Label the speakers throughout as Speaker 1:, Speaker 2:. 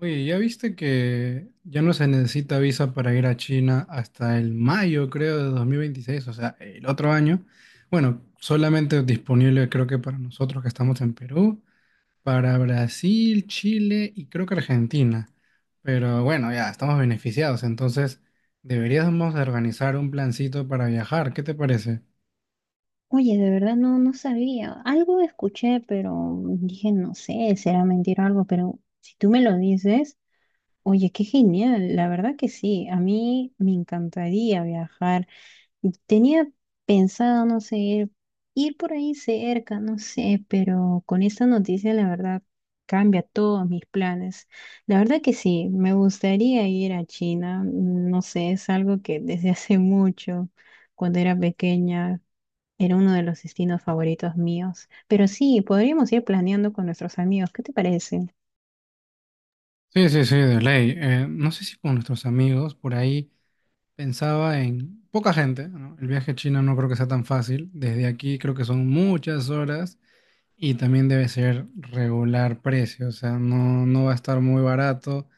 Speaker 1: Oye, ¿ya viste que ya no se necesita visa para ir a China hasta el mayo, creo, de 2026, o sea, el otro año. Bueno, solamente disponible creo que para nosotros que estamos en Perú, para Brasil, Chile y creo que Argentina. Pero bueno, ya estamos beneficiados, entonces deberíamos de organizar un plancito para viajar. ¿Qué te parece?
Speaker 2: Oye, de verdad no, no sabía. Algo escuché, pero dije, no sé, será mentira o algo, pero si tú me lo dices, oye, qué genial. La verdad que sí, a mí me encantaría viajar. Y tenía pensado, no sé, ir por ahí cerca, no sé, pero con esta noticia, la verdad, cambia todos mis planes. La verdad que sí, me gustaría ir a China. No sé, es algo que desde hace mucho, cuando era pequeña. Era uno de los destinos favoritos míos. Pero sí, podríamos ir planeando con nuestros amigos. ¿Qué te parece?
Speaker 1: Sí, sí, sí, de ley. No sé si con nuestros amigos por ahí. Pensaba en poca gente, ¿no? El viaje a China no creo que sea tan fácil. Desde aquí creo que son muchas horas y también debe ser regular precio, o sea, no, no va a estar muy barato.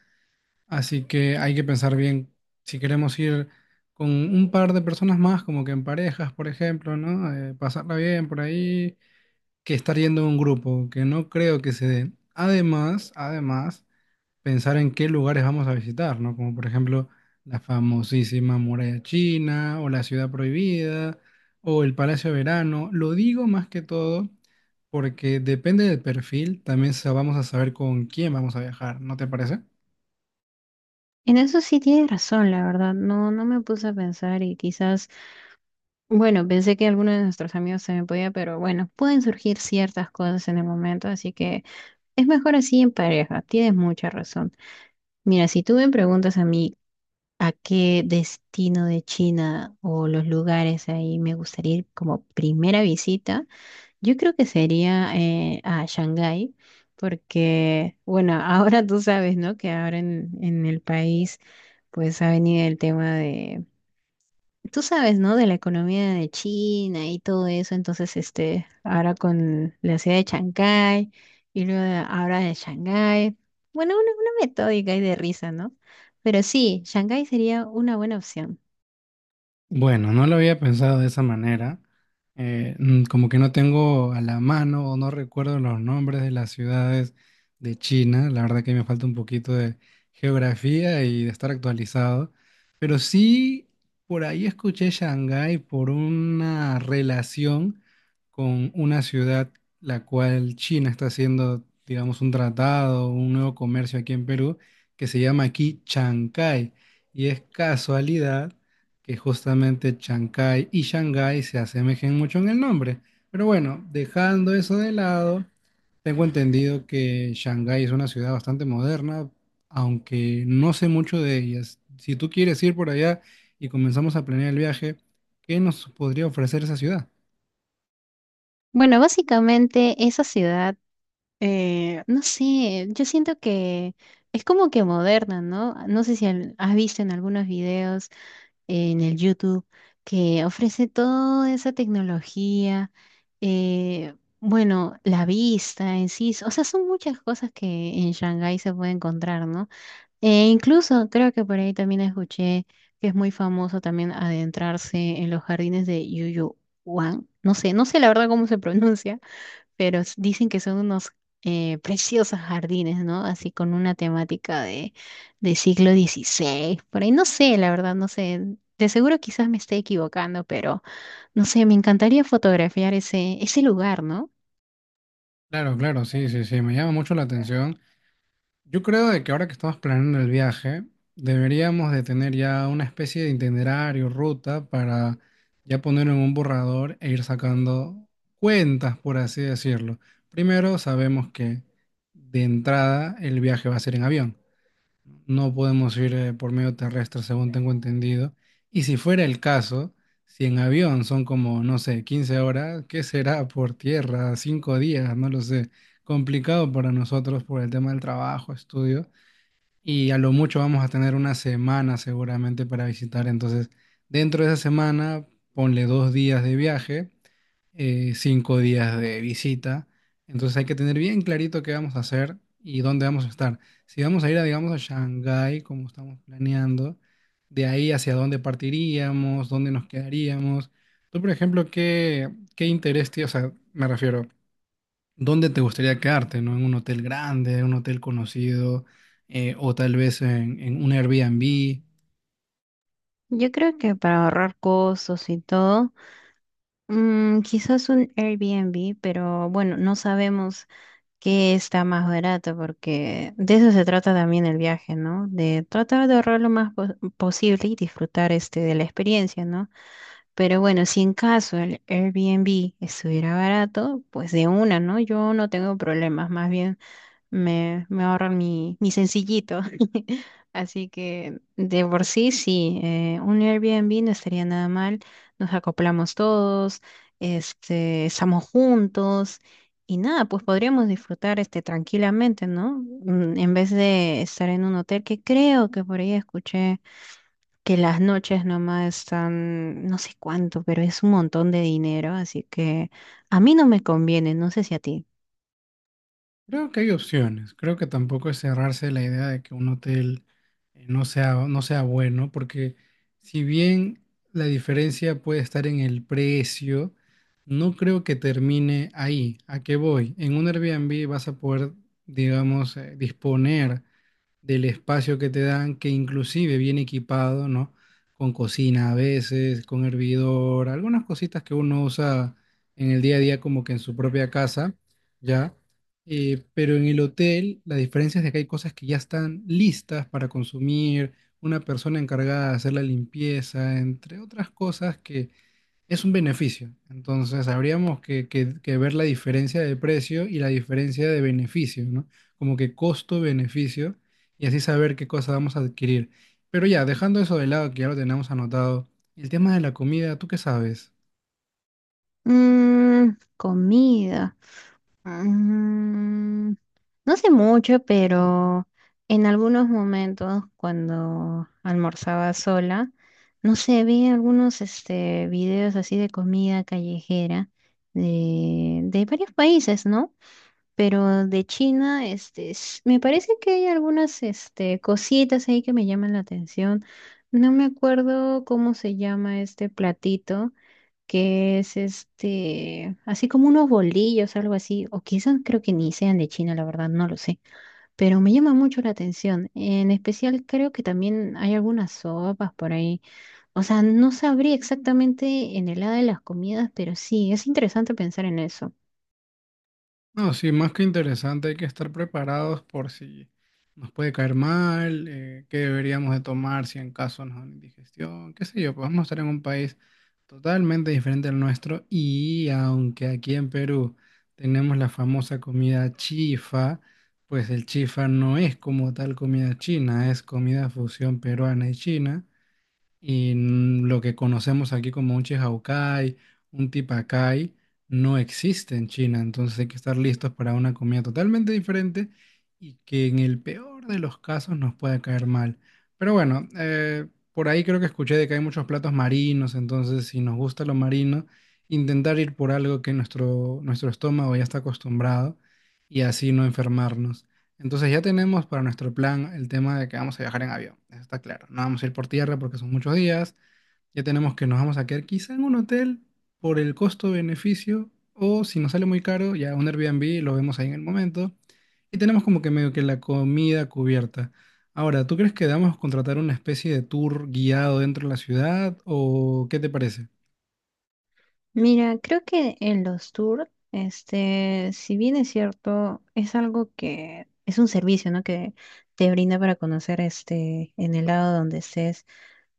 Speaker 1: Así que hay que pensar bien si queremos ir con un par de personas más, como que en parejas, por ejemplo, ¿no? Pasarla bien por ahí, que estar yendo en un grupo, que no creo que se dé. Además, pensar en qué lugares vamos a visitar, ¿no? Como por ejemplo la famosísima Muralla China o la Ciudad Prohibida o el Palacio de Verano. Lo digo más que todo porque depende del perfil, también vamos a saber con quién vamos a viajar, ¿no te parece?
Speaker 2: En eso sí tienes razón, la verdad. No, no me puse a pensar y quizás, bueno, pensé que alguno de nuestros amigos se me podía, pero bueno, pueden surgir ciertas cosas en el momento, así que es mejor así en pareja. Tienes mucha razón. Mira, si tú me preguntas a mí a qué destino de China o los lugares ahí me gustaría ir como primera visita, yo creo que sería a Shanghái, porque, bueno, ahora tú sabes, ¿no? Que ahora en el país, pues ha venido el tema de, tú sabes, ¿no? De la economía de China y todo eso. Entonces, este, ahora con la ciudad de Shanghái y luego ahora de Shanghái. Bueno, una metódica y de risa, ¿no? Pero sí, Shanghái sería una buena opción.
Speaker 1: Bueno, no lo había pensado de esa manera. Como que no tengo a la mano o no recuerdo los nombres de las ciudades de China. La verdad que me falta un poquito de geografía y de estar actualizado. Pero sí, por ahí escuché Shanghái por una relación con una ciudad la cual China está haciendo, digamos, un tratado, un nuevo comercio aquí en Perú que se llama aquí Chancay. Y es casualidad que justamente Chancay y Shanghái se asemejen mucho en el nombre. Pero bueno, dejando eso de lado, tengo entendido que Shanghái es una ciudad bastante moderna, aunque no sé mucho de ellas. Si tú quieres ir por allá y comenzamos a planear el viaje, ¿qué nos podría ofrecer esa ciudad?
Speaker 2: Bueno, básicamente esa ciudad. No sé, yo siento que es como que moderna, ¿no? No sé si has visto en algunos videos, en el YouTube, que ofrece toda esa tecnología. eh, bueno, la vista en sí, o sea, son muchas cosas que en Shanghái se puede encontrar, ¿no? E incluso creo que por ahí también escuché que es muy famoso también adentrarse en los jardines de Yuyu Wang, no sé, no sé la verdad cómo se pronuncia, pero dicen que son unos preciosos jardines, ¿no? Así con una temática de siglo XVI, por ahí no sé, la verdad, no sé. De seguro quizás me esté equivocando, pero no sé, me encantaría fotografiar ese lugar, ¿no?
Speaker 1: Claro, claro, sí, sí, sí, me llama mucho la atención. Yo creo de que ahora que estamos planeando el viaje, deberíamos de tener ya una especie de itinerario, ruta, para ya ponerlo en un borrador e ir sacando cuentas, por así decirlo. Primero, sabemos que de entrada el viaje va a ser en avión. No podemos ir por medio terrestre, según tengo entendido. Y si fuera el caso, si en avión son como, no sé, 15 horas, ¿qué será por tierra? ¿5 días? No lo sé. Complicado para nosotros por el tema del trabajo, estudio. Y a lo mucho vamos a tener una semana seguramente para visitar. Entonces, dentro de esa semana, ponle 2 días de viaje, 5 días de visita. Entonces hay que tener bien clarito qué vamos a hacer y dónde vamos a estar. Si vamos a ir, a, digamos, a Shanghái, como estamos planeando, de ahí hacia dónde partiríamos, dónde nos quedaríamos. Tú, por ejemplo, ¿qué, qué interés tienes? O sea, me refiero, ¿dónde te gustaría quedarte, no? ¿En un hotel grande, un hotel conocido, o tal vez en, un Airbnb?
Speaker 2: Yo creo que para ahorrar costos y todo, quizás un Airbnb, pero bueno, no sabemos que está más barato, porque de eso se trata también el viaje, ¿no? De tratar de ahorrar lo más posible y disfrutar este de la experiencia, ¿no? Pero bueno, si en caso el Airbnb estuviera barato, pues de una, ¿no? Yo no tengo problemas, más bien me ahorran mi sencillito. Así que de por sí, sí, un Airbnb no estaría nada mal. Nos acoplamos todos, este, estamos juntos y nada, pues podríamos disfrutar este tranquilamente, ¿no? En vez de estar en un hotel que creo que por ahí escuché que las noches nomás están, no sé cuánto, pero es un montón de dinero, así que a mí no me conviene, no sé si a ti.
Speaker 1: Creo que hay opciones. Creo que tampoco es cerrarse la idea de que un hotel no sea, bueno, porque si bien la diferencia puede estar en el precio, no creo que termine ahí. ¿A qué voy? En un Airbnb vas a poder, digamos, disponer del espacio que te dan, que inclusive viene equipado, ¿no? Con cocina a veces, con hervidor, algunas cositas que uno usa en el día a día como que en su propia casa, ¿ya? Pero en el hotel la diferencia es de que hay cosas que ya están listas para consumir, una persona encargada de hacer la limpieza, entre otras cosas que es un beneficio. Entonces, habríamos que ver la diferencia de precio y la diferencia de beneficio, ¿no? Como que costo-beneficio y así saber qué cosa vamos a adquirir. Pero ya, dejando eso de lado, que ya lo tenemos anotado, el tema de la comida, ¿tú qué sabes?
Speaker 2: Mmm, comida. Mm, no sé mucho, pero en algunos momentos cuando almorzaba sola, no sé, vi algunos este, videos así de comida callejera de varios países, ¿no? Pero de China, este, me parece que hay algunas este, cositas ahí que me llaman la atención. No me acuerdo cómo se llama este platito que es este, así como unos bolillos, algo así, o quizás creo que ni sean de China, la verdad, no lo sé, pero me llama mucho la atención. En especial creo que también hay algunas sopas por ahí. O sea, no sabría exactamente en el lado de las comidas, pero sí, es interesante pensar en eso.
Speaker 1: No, sí, más que interesante, hay que estar preparados por si nos puede caer mal, qué deberíamos de tomar si en caso nos da una indigestión, qué sé yo, pues vamos a estar en un país totalmente diferente al nuestro y aunque aquí en Perú tenemos la famosa comida chifa, pues el chifa no es como tal comida china, es comida fusión peruana y china. Y lo que conocemos aquí como un Chihaukai, un Tipakai, no existe en China. Entonces hay que estar listos para una comida totalmente diferente y que en el peor de los casos nos pueda caer mal. Pero bueno, por ahí creo que escuché de que hay muchos platos marinos. Entonces, si nos gusta lo marino, intentar ir por algo que nuestro estómago ya está acostumbrado y así no enfermarnos. Entonces ya tenemos para nuestro plan el tema de que vamos a viajar en avión, eso está claro. No vamos a ir por tierra porque son muchos días. Ya tenemos que nos vamos a quedar quizá en un hotel por el costo-beneficio o si nos sale muy caro, ya un Airbnb lo vemos ahí en el momento. Y tenemos como que medio que la comida cubierta. Ahora, ¿tú crees que debamos contratar una especie de tour guiado dentro de la ciudad o qué te parece?
Speaker 2: Mira, creo que en los tours, este, si bien es cierto, es algo que es un servicio, ¿no? Que te brinda para conocer este, en el lado donde estés,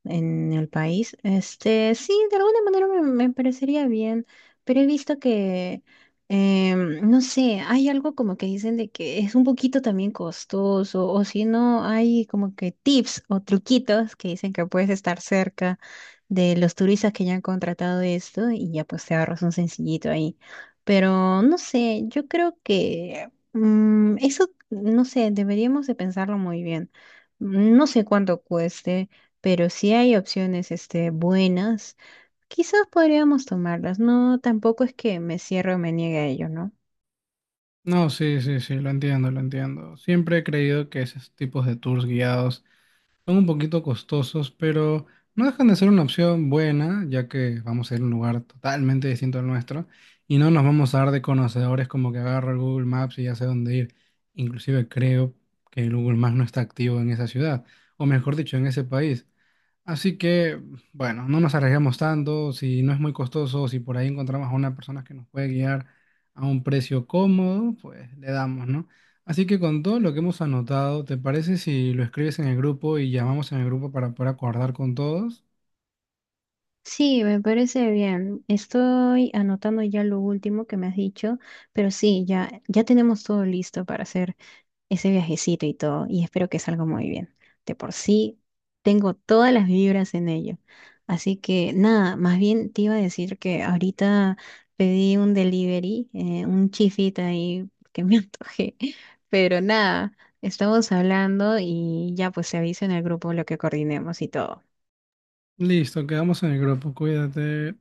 Speaker 2: en el país. Este, sí, de alguna manera me parecería bien, pero he visto que, no sé, hay algo como que dicen de que es un poquito también costoso, o si no, hay como que tips o truquitos que dicen que puedes estar cerca de los turistas que ya han contratado esto y ya pues te ahorras un sencillito ahí. Pero no sé, yo creo que eso, no sé, deberíamos de pensarlo muy bien. No sé cuánto cueste, pero sí hay opciones este, buenas. Quizás podríamos tomarlas. No, tampoco es que me cierre o me niegue a ello, ¿no?
Speaker 1: No, sí, sí, sí, lo entiendo, lo entiendo. Siempre he creído que esos tipos de tours guiados son un poquito costosos, pero no dejan de ser una opción buena, ya que vamos a ir a un lugar totalmente distinto al nuestro y no nos vamos a dar de conocedores como que agarro el Google Maps y ya sé dónde ir. Inclusive creo que el Google Maps no está activo en esa ciudad, o mejor dicho, en ese país. Así que, bueno, no nos arriesgamos tanto, si no es muy costoso, si por ahí encontramos a una persona que nos puede guiar a un precio cómodo, pues le damos, ¿no? Así que con todo lo que hemos anotado, ¿te parece si lo escribes en el grupo y llamamos en el grupo para poder acordar con todos?
Speaker 2: Sí, me parece bien. Estoy anotando ya lo último que me has dicho, pero sí, ya, ya tenemos todo listo para hacer ese viajecito y todo, y espero que salga muy bien. De por sí, tengo todas las vibras en ello. Así que nada, más bien te iba a decir que ahorita pedí un delivery, un chifita ahí que me antojé, pero nada, estamos hablando y ya pues se avisa en el grupo lo que coordinemos y todo.
Speaker 1: Listo, quedamos en el grupo, cuídate.